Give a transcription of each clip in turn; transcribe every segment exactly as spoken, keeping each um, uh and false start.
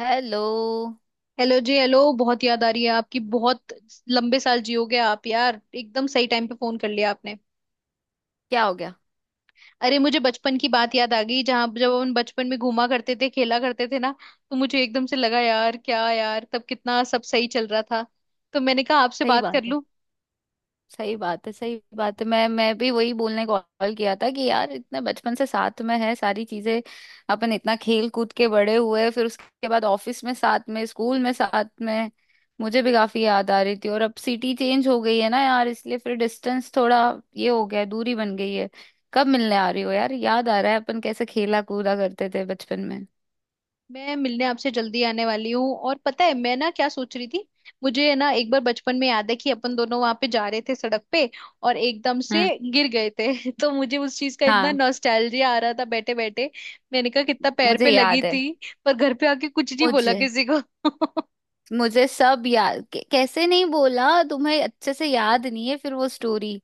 Hello. Hello जी। Hello, बहुत याद आ रही है आपकी। बहुत लंबे साल जियोगे आप यार। एकदम सही टाइम पे फोन कर लिया आपने। क्या हो गया? अरे मुझे बचपन की बात याद आ गई। जहाँ जब हम बचपन में घूमा करते थे, खेला करते थे ना, तो मुझे एकदम से लगा, यार क्या यार, तब कितना सब सही चल रहा था। तो मैंने कहा आपसे सही बात बात कर है। लूं। सही बात है। सही बात है। मैं मैं भी वही बोलने को कॉल किया था कि यार इतने बचपन से साथ में है सारी चीजें। अपन इतना खेल कूद के बड़े हुए, फिर उसके बाद ऑफिस में साथ में स्कूल में साथ में। मुझे भी काफी याद आ रही थी, और अब सिटी चेंज हो गई है ना यार, इसलिए फिर डिस्टेंस थोड़ा ये हो गया है, दूरी बन गई है। कब मिलने आ रही हो यार? याद आ रहा है अपन कैसे खेला कूदा करते थे बचपन में। मैं मिलने आपसे जल्दी आने वाली हूँ। और पता है मैं ना क्या सोच रही थी। मुझे है ना एक बार बचपन में याद है कि अपन दोनों वहां पे जा रहे थे सड़क पे और एकदम से हम्म। गिर गए थे तो मुझे उस चीज का इतना हाँ। नॉस्टैल्जिया आ रहा था बैठे बैठे। मैंने कहा कितना पैर मुझे पे लगी याद है। थी, पर घर पे आके कुछ नहीं बोला मुझे किसी को मुझे सब याद। कै- कैसे नहीं बोला? तुम्हें अच्छे से याद नहीं है फिर वो स्टोरी।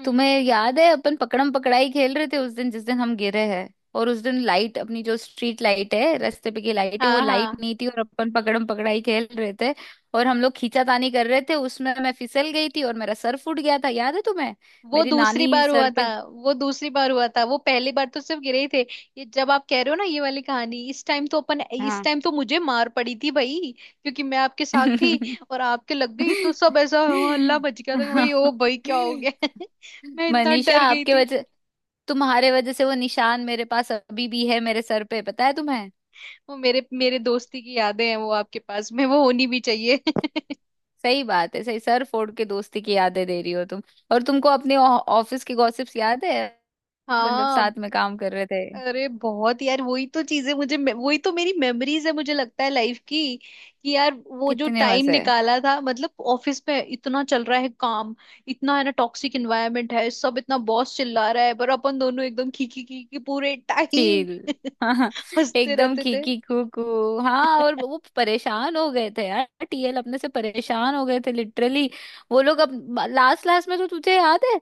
हम्म। तुम्हें याद है अपन पकड़म पकड़ाई खेल रहे थे उस दिन, जिस दिन हम गिरे हैं। और उस दिन लाइट, अपनी जो स्ट्रीट लाइट है रास्ते पे की लाइट है, वो हाँ। लाइट हाँ, नहीं थी और अपन पकड़म पकड़ाई खेल रहे थे। और हम लोग खींचातानी कर रहे थे, उसमें मैं फिसल गई थी और मेरा सर फूट गया था। याद है तुम्हें? वो मेरी दूसरी नानी बार हुआ सर था। पे। वो दूसरी बार हुआ था, वो पहली बार तो सिर्फ गिरे ही थे। ये जब आप कह रहे हो ना ये वाली कहानी, इस टाइम तो अपन, इस हाँ। टाइम तो मुझे मार पड़ी थी भाई, क्योंकि मैं आपके साथ थी। और आपके लग गई तो सब ऐसा हाँ, हल्ला बच गया था कि भाई ओ भाई क्या हो गया मैं इतना मनीषा डर गई आपके थी। वजह, तुम्हारे वजह से वो निशान मेरे पास अभी भी है मेरे सर पे। पता है तुम्हें? वो मेरे मेरे दोस्ती की यादें हैं, वो आपके पास में वो होनी भी चाहिए सही बात है। सही, सर फोड़ के दोस्ती की यादें दे रही हो तुम। और तुमको अपने ऑ- ऑफिस के गॉसिप्स याद है, अपन जब हाँ। साथ में काम कर रहे थे? अरे बहुत यार, वही तो चीजें मुझे मे- वही तो मेरी मेमोरीज है, मुझे लगता है लाइफ की, कि यार वो जो कितने टाइम मजे। निकाला था। मतलब ऑफिस पे इतना चल रहा है काम, इतना है ना टॉक्सिक इन्वायरमेंट है सब, इतना बॉस चिल्ला रहा है, पर अपन दोनों एकदम खी खी खी खी पूरे टाइम चील। हाँ हाँ। हंसते एकदम रहते थे। खीकी कूकू। हाँ और वो परेशान हो गए थे यार, टीएल अपने से परेशान हो गए थे लिटरली। वो लोग अब, लास्ट लास्ट में तो तुझे याद है,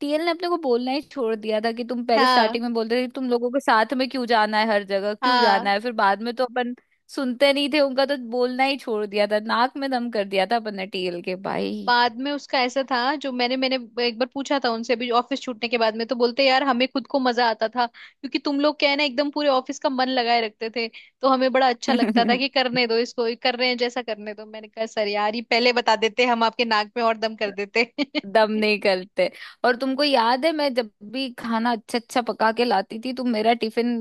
टीएल ने अपने को बोलना ही छोड़ दिया था कि तुम पहले हाँ स्टार्टिंग में बोलते थे कि तुम लोगों के साथ में क्यों जाना है, हर जगह क्यों हाँ। जाना है, फिर बाद में तो अपन सुनते नहीं थे उनका तो बोलना ही छोड़ दिया था। नाक में दम कर दिया था अपन ने टीएल के भाई। बाद में उसका ऐसा था जो मैंने मैंने एक बार पूछा था उनसे अभी ऑफिस छूटने के बाद में, तो बोलते यार हमें खुद को मजा आता था क्योंकि तुम लोग क्या है ना एकदम पूरे ऑफिस का मन लगाए रखते थे। तो हमें बड़ा अच्छा लगता था कि करने दो इसको, ये कर रहे हैं जैसा करने दो। मैंने कहा सर यार ये पहले बता देते, हम आपके नाक में और दम कर देते दम नहीं करते। और तुमको याद है, मैं जब भी खाना अच्छा अच्छा पका के लाती थी, तुम मेरा टिफिन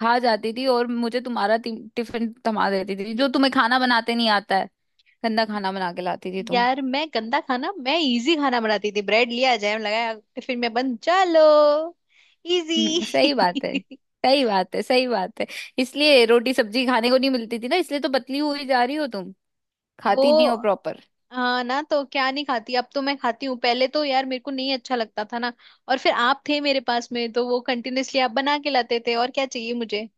खा जाती थी और मुझे तुम्हारा टिम- टिफिन थमा देती थी। जो तुम्हें खाना बनाते नहीं आता है, गंदा खाना बना के लाती थी तुम। यार मैं गंदा खाना, मैं इजी खाना बनाती थी। ब्रेड लिया, जैम लगाया, टिफिन में बंद, चलो इजी हम्म, सही बात है। सही बात है। सही बात है। इसलिए रोटी सब्जी खाने को नहीं मिलती थी ना, इसलिए तो पतली हुई जा रही हो तुम। वो खाती नहीं हो प्रॉपर। हाँ, ना तो क्या नहीं खाती, अब तो मैं खाती हूँ। पहले तो यार मेरे को नहीं अच्छा लगता था ना। और फिर आप थे मेरे पास में, तो वो कंटिन्यूअसली आप बना के लाते थे, और क्या चाहिए मुझे।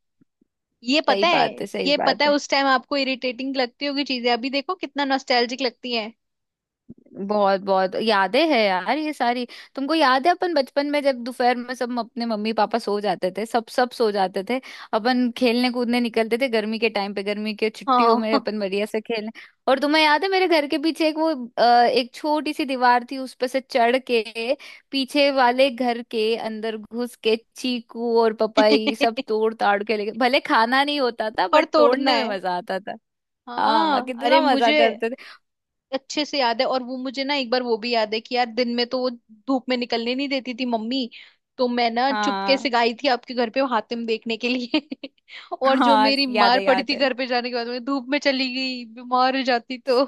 ये सही पता है, बात है। सही ये पता बात है है। उस टाइम आपको इरिटेटिंग लगती होगी चीजें, अभी देखो कितना नॉस्टैल्जिक लगती है। बहुत बहुत यादें हैं यार ये सारी। तुमको याद है अपन बचपन में जब दोपहर में सब अपने मम्मी पापा सो जाते थे, सब सब सो जाते थे, अपन खेलने कूदने निकलते थे गर्मी के टाइम पे, गर्मी के छुट्टियों में हाँ अपन बढ़िया से खेलने। और तुम्हें याद है, मेरे घर के पीछे एक वो अ, एक छोटी सी दीवार थी, उस पे से चढ़ के पीछे वाले घर के अंदर घुस के चीकू और पपाई सब तोड़ ताड़ के लेके, भले खाना नहीं होता था और बट तोड़ना तोड़ने में है। मजा आता था। हाँ, हाँ अरे कितना मजा मुझे करते थे। अच्छे से याद है। और वो मुझे ना एक बार वो भी याद है कि यार दिन में तो वो धूप में निकलने नहीं देती थी मम्मी, तो मैं ना चुपके हाँ से गई थी आपके घर पे हातिम देखने के लिए और जो हाँ, मेरी याद मार है पड़ी याद थी है। घर पे जाने के बाद, मैं धूप में चली गई बीमार हो जाती तो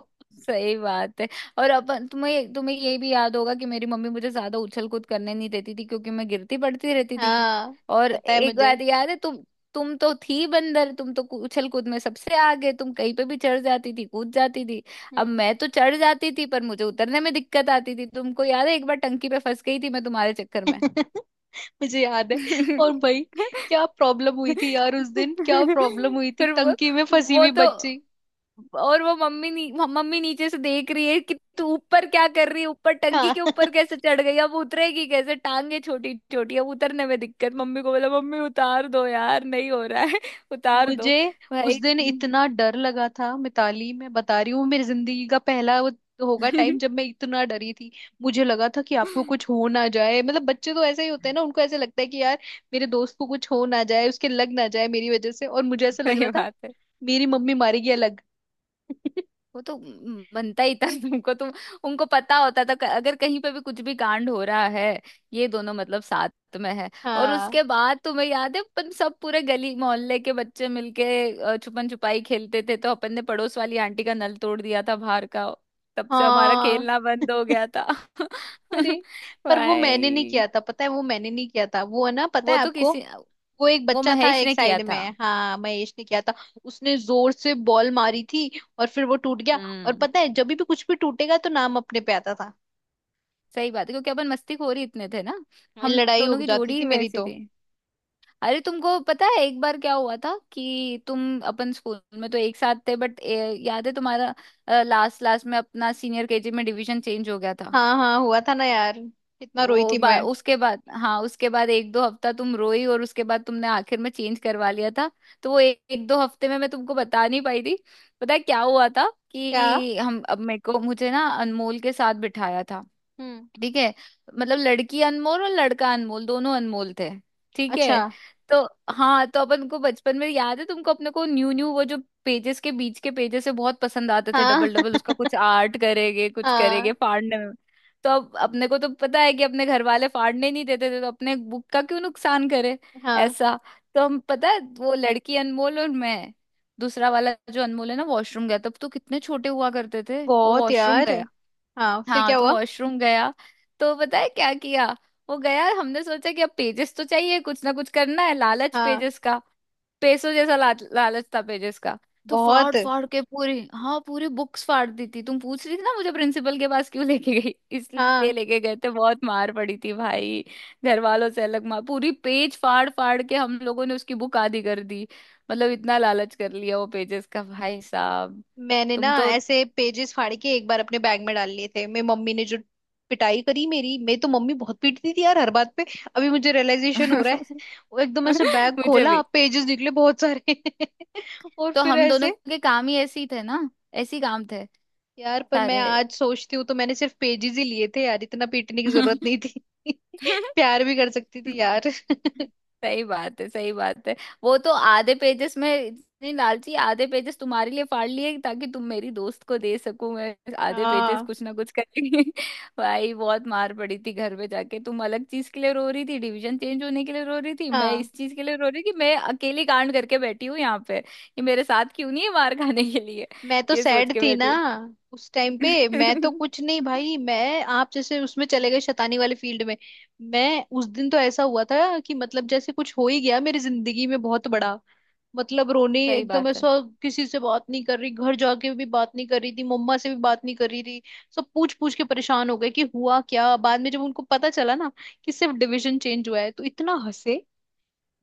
सही बात है। और अपन, तुम्हें तुम्हें ये भी याद होगा कि मेरी मम्मी मुझे ज्यादा उछल कूद करने नहीं देती थी क्योंकि मैं गिरती पड़ती रहती थी। हाँ। और पता है एक मुझे। बात याद है तुम। तुम तो थी बंदर, तुम तो उछल कूद में सबसे आगे, तुम कहीं पे भी चढ़ जाती थी कूद जाती थी। अब हम्म मैं तो चढ़ जाती थी पर मुझे उतरने में दिक्कत आती थी। तुमको याद है एक बार टंकी पे फंस गई थी मैं तुम्हारे चक्कर में? मुझे याद है। और भाई क्या प्रॉब्लम हुई थी यार उस दिन, क्या प्रॉब्लम हुई थी, फिर वो टंकी में फंसी वो हुई तो, बच्ची। और वो, मम्मी नी, मम्मी नीचे से देख रही है कि तू ऊपर क्या कर रही है, ऊपर टंकी हाँ के ऊपर कैसे चढ़ गई, अब उतरेगी कैसे, टांगे छोटी छोटी, अब उतरने में दिक्कत। मम्मी को बोला, मम्मी उतार दो यार, नहीं हो रहा है। उतार दो मुझे उस भाई। दिन इतना डर लगा था मिताली, मैं बता रही हूँ मेरी जिंदगी का पहला वो होगा टाइम जब मैं इतना डरी थी। मुझे लगा था कि आपको कुछ हो ना जाए। मतलब बच्चे तो ऐसे ही होते हैं ना, उनको ऐसे लगता है कि यार मेरे दोस्त को कुछ हो ना जाए, उसके लग ना जाए मेरी वजह से। और मुझे ऐसा लग सही रहा था बात है। मेरी मम्मी मारेगी अलग वो तो म- बनता ही था तुमको, तुम, उनको पता होता था क- अगर कहीं पे भी कुछ भी कांड हो रहा है, ये दोनों मतलब साथ में है। और हाँ। उसके बाद तुम्हें याद है, अपन सब पूरे गली मोहल्ले के बच्चे मिलके अ, छुपन छुपाई खेलते थे, तो अपन ने पड़ोस वाली आंटी का नल तोड़ दिया था बाहर का। तब से हमारा हाँ खेलना बंद हो गया था। अरे, पर वो मैंने नहीं भाई, किया था पता है, वो मैंने नहीं किया था, वो है ना पता वो है तो आपको, किसी वो एक वो बच्चा था महेश एक ने किया साइड में, था। हाँ महेश ने किया था। उसने जोर से बॉल मारी थी और फिर वो टूट गया। और हम्म। पता है जब भी कुछ भी टूटेगा तो नाम अपने पे आता था। सही बात है, क्योंकि अपन मस्ती खोर ही इतने थे ना। हम लड़ाई हो दोनों की जाती जोड़ी थी ही मेरी वैसी तो। थी। अरे तुमको पता है एक बार क्या हुआ था, कि तुम, अपन स्कूल में तो एक साथ थे बट याद है तुम्हारा लास्ट लास्ट में अपना सीनियर केजी में डिवीजन चेंज हो गया था। हाँ हाँ हुआ था ना यार, कितना रोई वो थी बा, मैं। उसके बाद, हाँ, उसके बाद एक दो हफ्ता तुम रोई, और उसके बाद तुमने आखिर में चेंज करवा लिया था। तो वो ए, एक दो हफ्ते में मैं तुमको बता नहीं पाई थी। पता है क्या हुआ था, क्या। कि हम, अब मेरे को मुझे ना अनमोल के साथ बिठाया था। हम्म। ठीक है? मतलब लड़की अनमोल और लड़का अनमोल, दोनों अनमोल थे। ठीक अच्छा। है। तो हाँ, तो अपन को बचपन में याद है तुमको, अपने को न्यू न्यू वो जो पेजेस, के बीच के पेजेस से बहुत पसंद आते थे, हाँ डबल डबल, उसका कुछ आर्ट करेंगे कुछ करेंगे हाँ फाड़ने में। तो अब अपने को तो पता है कि अपने घर वाले फाड़ने नहीं देते थे, तो अपने बुक का क्यों नुकसान करे, हाँ। ऐसा। तो हम, पता है, वो लड़की अनमोल और मैं, दूसरा वाला जो अनमोल है ना वॉशरूम गया। तब तो कितने छोटे हुआ करते थे। वो बहुत वॉशरूम यार। गया। हाँ फिर हाँ क्या तो हुआ। वॉशरूम गया। तो पता है क्या किया। वो गया, हमने सोचा कि अब पेजेस तो चाहिए, कुछ ना कुछ करना है, लालच हाँ पेजेस का, पैसों जैसा ला, लालच था पेजेस का। तो बहुत। फाड़ फाड़ के पूरी, हाँ पूरी बुक्स फाड़ दी थी। तुम पूछ रही थी ना मुझे प्रिंसिपल के पास क्यों लेके गई। इसलिए हाँ लेके गए थे, बहुत मार पड़ी थी भाई, घर वालों से अलग मार। पूरी पेज फाड़ फाड़ के हम लोगों ने उसकी बुक आधी कर दी। मतलब इतना लालच कर लिया वो पेजेस का भाई साहब। मैंने ना तुम तो। ऐसे पेजेस फाड़ के एक बार अपने बैग में डाल लिए थे, मेरी मम्मी ने जो पिटाई करी मेरी, मैं तो मम्मी बहुत पीटती थी यार हर बात पे। अभी मुझे रियलाइजेशन हो रहा है वो एकदम ऐसे बैग मुझे खोला, भी। पेजेस निकले बहुत सारे और तो फिर हम दोनों ऐसे, के काम ही ऐसे ही थे ना, ऐसे ही काम थे यार पर मैं सारे। आज सोचती हूँ तो मैंने सिर्फ पेजेस ही लिए थे यार, इतना पीटने की जरूरत नहीं थी प्यार भी कर सकती थी यार सही बात है। सही बात है। वो तो आधे पेजेस में इतनी लालची, आधे पेजेस तुम्हारे लिए फाड़ लिए ताकि तुम मेरी दोस्त को दे सको, मैं आधे पेजेस हाँ। कुछ ना कुछ करके। भाई बहुत मार पड़ी थी घर पे जाके। तुम अलग चीज के लिए रो रही थी डिवीजन चेंज होने के लिए रो रही थी, मैं हाँ इस चीज के लिए रो रही कि मैं अकेली कांड करके बैठी हूँ यहाँ पे, ये मेरे साथ क्यों नहीं है मार खाने के लिए। मैं तो ये सोच सैड के थी ना बैठी उस टाइम पे। मैं तो कुछ नहीं हूँ। भाई, मैं आप जैसे उसमें चले गए शैतानी वाले फील्ड में। मैं उस दिन तो ऐसा हुआ था कि मतलब जैसे कुछ हो ही गया मेरी जिंदगी में बहुत बड़ा। मतलब रोने, सही एकदम बात है। ऐसा किसी से बात नहीं कर रही, घर जाके भी बात नहीं कर रही थी, मम्मा से भी बात नहीं कर रही थी। सब पूछ पूछ के परेशान हो गए कि हुआ क्या, बाद में जब उनको पता चला ना कि सिर्फ डिविजन चेंज हुआ है, तो इतना हंसे।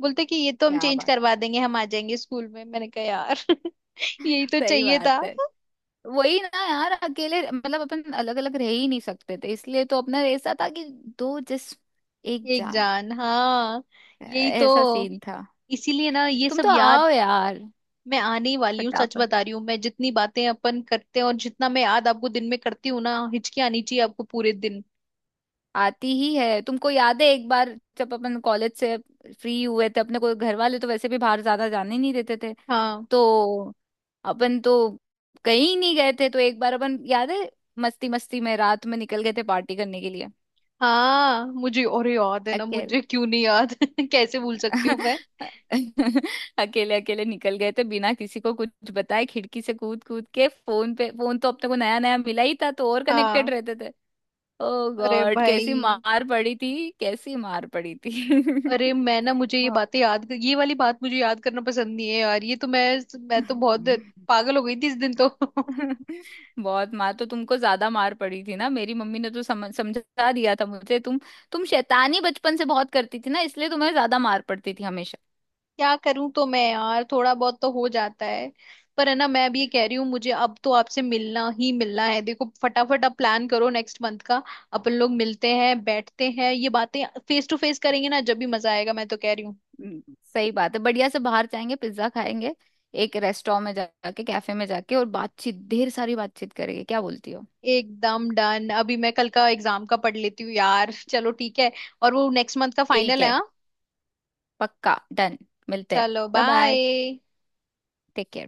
बोलते कि ये तो हम क्या चेंज बात करवा देंगे, हम आ जाएंगे स्कूल में, मैंने कहा यार है, यही तो सही चाहिए था। बात है। वही ना यार, अकेले, मतलब अपन अलग अलग रह ही नहीं सकते थे, इसलिए तो अपना ऐसा था कि दो जिस्म एक एक जान, जान, हाँ। यही तो, ऐसा सीन था। इसीलिए ना ये तुम सब तो याद। आओ यार मैं आने ही वाली हूँ, सच फटाफट। बता रही हूँ, मैं जितनी बातें अपन करते हैं और जितना मैं याद आपको दिन में करती हूँ ना, हिचकी आनी चाहिए आपको पूरे दिन। आती ही है। तुमको याद है एक बार, जब अपन कॉलेज से फ्री हुए थे, अपने को घर वाले तो वैसे भी बाहर ज्यादा जाने नहीं देते थे, हाँ। तो अपन तो कहीं नहीं गए थे। तो एक बार अपन, याद है, मस्ती मस्ती में रात में निकल गए थे पार्टी करने के हाँ मुझे अरे याद है ना, लिए। मुझे क्यों नहीं याद कैसे भूल सकती हूँ मैं। अकेले अकेले निकल गए थे बिना किसी को कुछ बताए, खिड़की से कूद कूद के। फोन पे फोन तो अपने को नया नया मिला ही था, तो और कनेक्टेड हाँ। रहते थे। ओ अरे गॉड, कैसी भाई। मार पड़ी थी, कैसी मार पड़ी थी। अरे मैं ना मुझे ये वाह। बातें याद, ये वाली बात मुझे याद करना पसंद नहीं है यार, ये तो मैं मैं तो बहुत पागल हो गई थी इस दिन तो बहुत मार, तो तुमको ज्यादा मार पड़ी थी ना, मेरी मम्मी ने तो समझ समझा दिया था मुझे। तुम तुम शैतानी बचपन से बहुत करती थी ना, इसलिए तुम्हें ज्यादा मार पड़ती थी हमेशा। क्या करूं तो मैं यार, थोड़ा बहुत तो हो जाता है। पर है ना मैं भी ये कह रही हूँ, मुझे अब तो आपसे मिलना ही मिलना है। देखो फटाफट आप प्लान करो नेक्स्ट मंथ का। अपन लोग मिलते हैं, बैठते हैं, ये बातें फेस टू फेस करेंगे ना, जब भी मजा आएगा, मैं तो कह रही हूँ। हम्म, सही बात है, बढ़िया से बाहर जाएंगे, पिज्जा खाएंगे, एक रेस्टोरेंट में जाके, कैफे में जाके, और बातचीत, ढेर सारी बातचीत करेंगे। क्या बोलती हो? एकदम डन। अभी मैं कल का एग्जाम का पढ़ लेती हूँ यार, चलो ठीक है। और वो नेक्स्ट मंथ का ठीक फाइनल है, है। हाँ। पक्का डन। मिलते हैं। चलो bye bye. Bye. Take care.